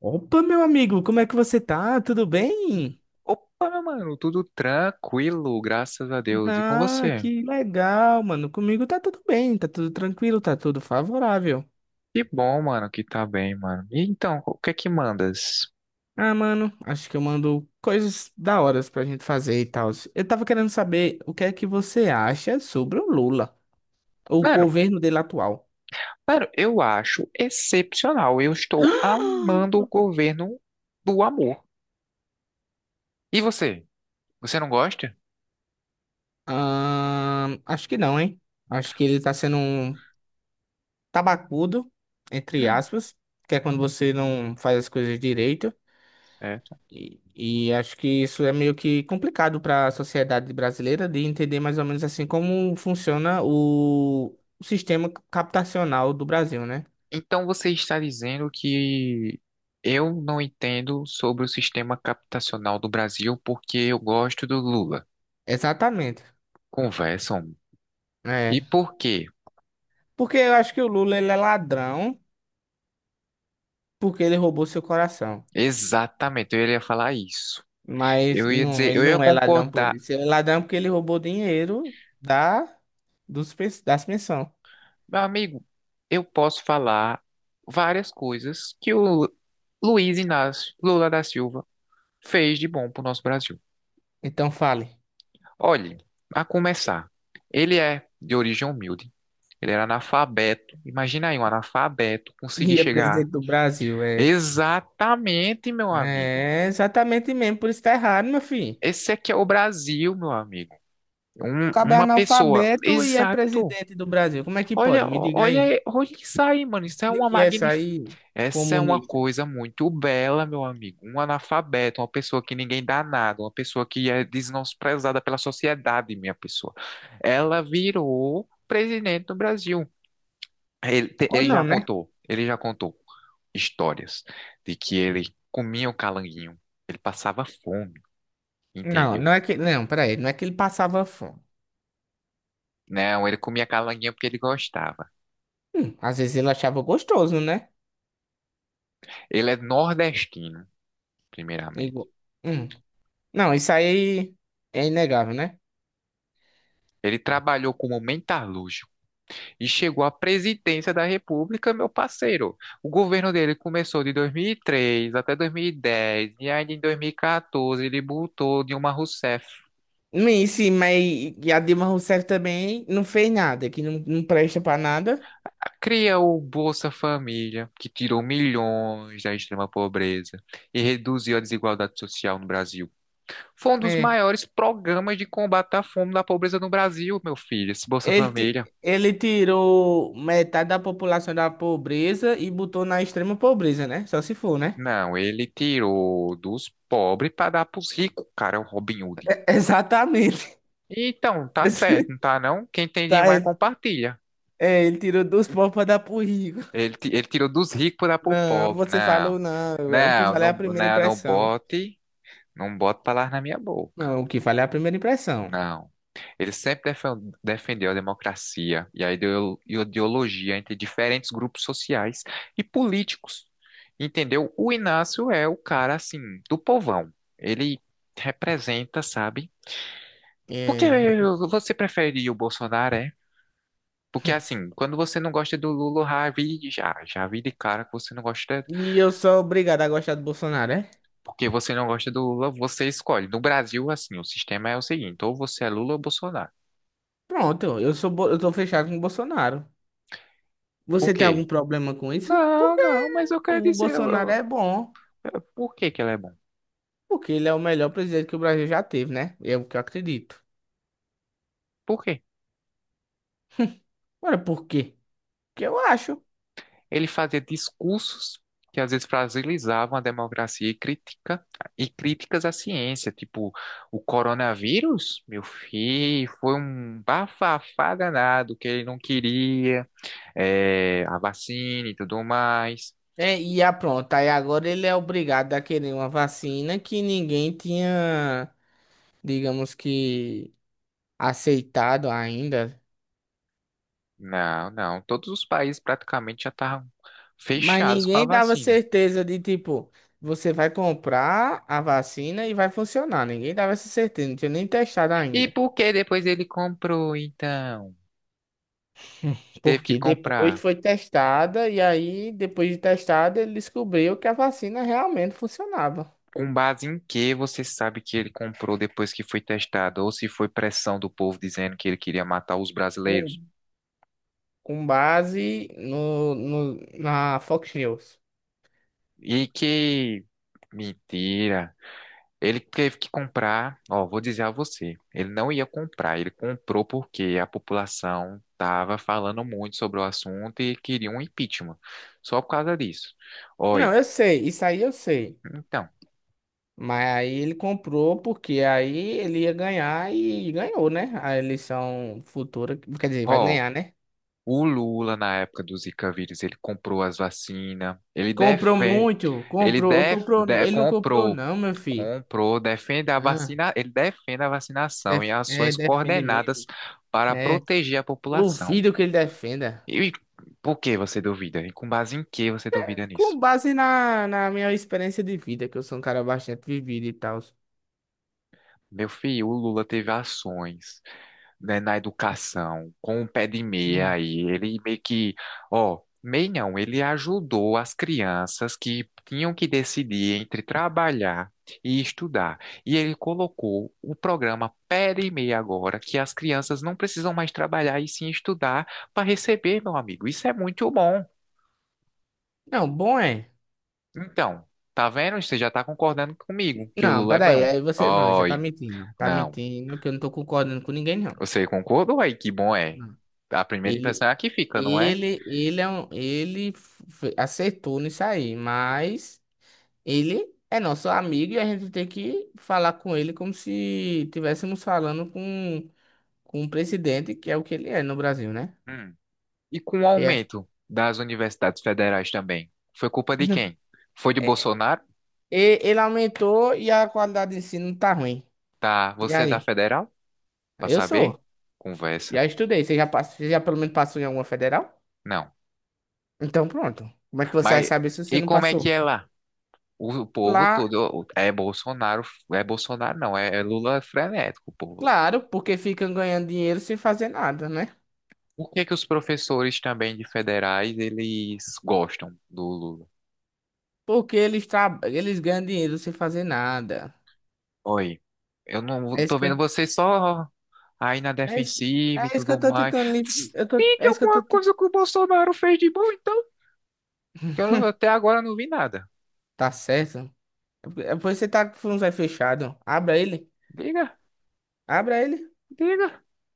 Opa, meu amigo, como é que você tá? Tudo bem? Opa, mano, tudo tranquilo, graças a Deus. E com Ah, você? que legal, mano. Comigo tá tudo bem, tá tudo tranquilo, tá tudo favorável. Que bom, mano, que tá bem, mano. E então, o que é que mandas? Ah, mano, acho que eu mando coisas da hora pra gente fazer e tal. Eu tava querendo saber o que é que você acha sobre o Lula, o Mano, governo dele atual. mano, eu acho excepcional. Eu estou amando o governo do amor. E você? Você não gosta? Ah, acho que não, hein? Acho que ele tá sendo um tabacudo, entre aspas, que é quando você não faz as coisas direito. Certo. E acho que isso é meio que complicado para a sociedade brasileira de entender mais ou menos assim como funciona o sistema captacional do Brasil, né? Então você está dizendo que eu não entendo sobre o sistema captacional do Brasil porque eu gosto do Lula. Exatamente. Conversam. É. E por quê? Porque eu acho que o Lula ele é ladrão porque ele roubou seu coração. Exatamente, eu iria falar isso. Mas Eu ia não, dizer, ele eu ia não é ladrão por concordar. isso. Ele é ladrão porque ele roubou dinheiro da, das pensões. Meu amigo, eu posso falar várias coisas que o Luiz Inácio Lula da Silva fez de bom pro nosso Brasil. Então fale. Olhe, a começar, ele é de origem humilde, ele era analfabeto. Imagina aí um analfabeto conseguir E é chegar. presidente do Brasil, é. Exatamente, meu amigo. É exatamente mesmo, por isso tá errado, meu filho. Esse aqui é o Brasil, meu amigo. Um- Cabo é uma pessoa, analfabeto e é exato. presidente do Brasil. Como é que pode? Olha, Me diga aí. olha, olha isso aí, mano. Isso é uma Explique essa magnificência. aí, Essa é uma comunista. coisa muito bela, meu amigo. Um analfabeto, uma pessoa que ninguém dá nada, uma pessoa que é desprezada pela sociedade, minha pessoa. Ela virou presidente do Brasil. Ele, te- Ou não, né? Ele já contou histórias de que ele comia o calanguinho, ele passava fome, entendeu? Não, peraí. Não é que ele passava fome. Não, ele comia calanguinho porque ele gostava. Às vezes ele achava gostoso, né? Ele é nordestino, primeiramente. Igual. Hum. Não, isso aí é inegável, né? Ele trabalhou como metalúrgico e chegou à presidência da República, meu parceiro. O governo dele começou de 2003 até 2010, e ainda em 2014 ele botou Dilma Rousseff. Sim, mas e a Dilma Rousseff também não fez nada, que não presta pra nada. Cria o Bolsa Família, que tirou milhões da extrema pobreza e reduziu a desigualdade social no Brasil. Foi um dos É. maiores programas de combate à fome e da pobreza no Brasil, meu filho, esse Bolsa Família. Ele tirou metade da população da pobreza e botou na extrema pobreza, né? Só se for, né? Não, ele tirou dos pobres para dar para os ricos, cara, é o Robin Hood. Exatamente. Então, tá certo, não tá não? Quem tem Tá, demais ele, compartilha. é, ele tirou dos pobres para dar pro rico. Ele tirou dos ricos para pro Não, pobre. você Não, falou não. O que não, vale é a não, primeira não, não impressão. bote, não bote palavras na minha boca. Não, o que vale é a primeira impressão. Não. Ele sempre defendeu a democracia e a ideologia entre diferentes grupos sociais e políticos. Entendeu? O Inácio é o cara, assim, do povão. Ele representa, sabe? Porque É. Você prefere o Bolsonaro? Porque assim, quando você não gosta do Lula, já vi de cara que você não gosta, E eu sou obrigado a gostar do Bolsonaro, é? porque você não gosta do Lula, você escolhe. No Brasil, assim, o sistema é o seguinte, ou você é Lula ou Bolsonaro. Pronto, eu tô fechado com o Bolsonaro. Por Você tem algum quê? problema com isso? Não, Porque não, mas eu quero o dizer, Bolsonaro é bom. Por que que ele é bom? Porque ele é o melhor presidente que o Brasil já teve, né? É o que eu acredito. Por quê? Agora, por quê? Porque eu acho. Ele fazia discursos que às vezes fragilizavam a democracia e crítica, e críticas à ciência, tipo, o coronavírus, meu filho, foi um bafafá danado que ele não queria a vacina e tudo mais. É, pronto, aí agora ele é obrigado a querer uma vacina que ninguém tinha, digamos que, aceitado ainda. Não, não. Todos os países praticamente já estavam Mas fechados com a ninguém dava vacina. certeza de, tipo, você vai comprar a vacina e vai funcionar. Ninguém dava essa certeza, não tinha nem testado E ainda. por que depois ele comprou, então? Teve que Porque depois comprar. foi testada e aí, depois de testada, ele descobriu que a vacina realmente funcionava. Com base em que você sabe que ele comprou depois que foi testado? Ou se foi pressão do povo dizendo que ele queria matar os brasileiros? Com, com base na Fox News. E que. Mentira. Ele teve que comprar, ó, vou dizer a você, ele não ia comprar, ele comprou porque a população estava falando muito sobre o assunto e queria um impeachment, só por causa disso. Oi, Não, eu sei, isso aí eu sei. então, Mas aí ele comprou porque aí ele ia ganhar e ganhou, né? A eleição futura, quer dizer, vai ó, ganhar, né? o Lula na época do Zika vírus, ele comprou as vacinas, ele Comprou defende, muito, ele comprou, def, comprou, de- ele não comprou comprou, não, meu filho. comprou, defende a Ah, vacina, ele defende a vacinação e é, ações defende coordenadas mesmo. para É, proteger a população. duvido que ele defenda. E por que você duvida? E com base em que você duvida nisso? Com base na minha experiência de vida, que eu sou um cara bastante vivido e tal. Meu filho, o Lula teve ações, né, na educação, com o pé de meia Hum. aí. Ele meio que, ó, meio não, ele ajudou as crianças que tinham que decidir entre trabalhar e estudar. E ele colocou o programa pé de meia agora, que as crianças não precisam mais trabalhar e sim estudar para receber, meu amigo. Isso é muito bom. Não, bom é. Então, tá vendo? Você já tá concordando comigo que o Não, Lula é peraí, bom. aí você, não, já tá Oi, mentindo. Tá não. mentindo que eu não tô concordando com ninguém, não. Você concordou aí que bom é? Não. A primeira Ele, impressão é a que fica, não é? É um, aceitou nisso aí, mas ele é nosso amigo e a gente tem que falar com ele como se estivéssemos falando com o presidente, que é o que ele é no Brasil, né? Hum. E com o É. aumento das universidades federais também, foi culpa de quem? Foi de É, Bolsonaro? Ele aumentou e a qualidade de ensino tá ruim. Tá, E você é da aí? federal? Pra Eu saber? sou. Conversa. Já estudei. Você já pelo menos passou em alguma federal? Não. Então pronto. Como é que você vai Mas saber se você e não como é que passou? é lá? O povo Lá, todo é Bolsonaro não, é Lula frenético, o povo. claro, porque ficam ganhando dinheiro sem fazer nada, né? Por que que os professores também de federais, eles gostam do Lula? Porque eles ganham dinheiro sem fazer nada. Oi, eu É não isso tô que vendo eu... você só aí na É isso... defensiva e é isso que tudo eu tô mais. tentando. Tem É isso que eu alguma tô. coisa que o Bolsonaro fez de bom, então? Que eu não- Até agora não vi nada. Tá certo? É porque você tá com o fundo fechado. Abra ele. Diga, Abra ele. diga.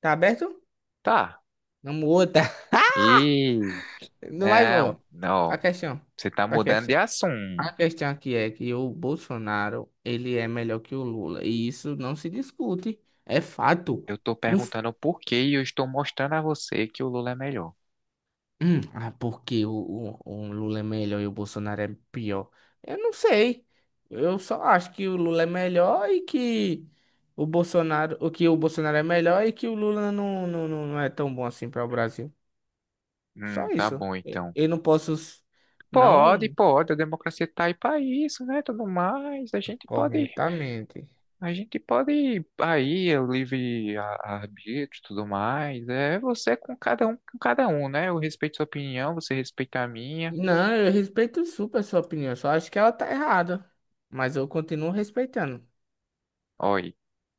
Tá aberto? Tá. Não muda. E Não vai, não, ó. A não. questão. Você tá A mudando de questão. A assunto. questão aqui é que o Bolsonaro, ele é melhor que o Lula. E isso não se discute. É fato. Eu tô perguntando por que e eu estou mostrando a você que o Lula é melhor. Ah, porque o Lula é melhor e o Bolsonaro é pior? Eu não sei. Eu só acho que o Lula é melhor e que o Bolsonaro, o Bolsonaro é melhor e que o Lula não é tão bom assim para o Brasil. Só Tá isso. bom então. Eu não posso, Pode, não pode, a democracia está aí para isso, né? Tudo mais, a gente pode, corretamente. a gente pode aí o livre arbítrio, tudo mais. É você com cada um, né? Eu respeito sua opinião, você respeita a minha. Não, eu respeito super a sua opinião. Só acho que ela tá errada. Mas eu continuo respeitando. Olha,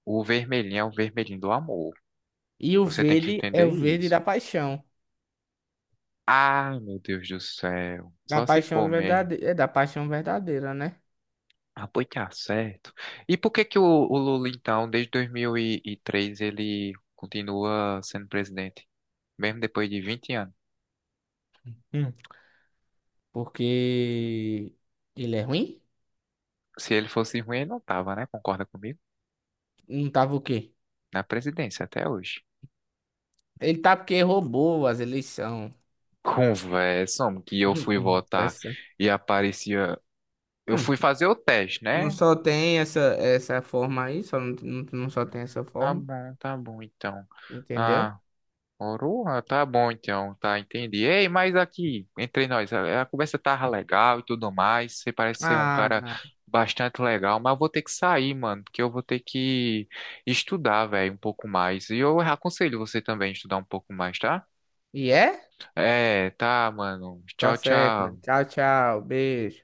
o vermelhinho é o vermelhinho do amor. E o Você tem que verde é entender o verde isso. da paixão. Ai, meu Deus do céu. Só se for mesmo. É da paixão verdadeira, né? Ah, pois tá certo. E por que que o Lula, então, desde 2003, ele continua sendo presidente? Mesmo depois de 20 anos. Hum. Porque ele é ruim? Se ele fosse ruim, ele não tava, né? Concorda comigo? Não tava o quê? Na presidência até hoje. Ele tá porque roubou as eleições. Conversa, homem, que eu fui Vai votar ser. e aparecia. Eu Não, fui fazer o teste, não né? só tem essa forma aí, só não, não, não só tem essa forma, Tá bom, então. entendeu? Ah, Oroa, tá bom, então, tá, entendi. Ei, mas aqui, entre nós, a conversa tava legal e tudo mais. Você parece ser um Ah, cara bastante legal, mas eu vou ter que sair, mano, porque eu vou ter que estudar, velho, um pouco mais. E eu aconselho você também a estudar um pouco mais, tá? e é? É, tá, mano. Tá Tchau, certo, mano. tchau. Tchau, tchau. Beijo.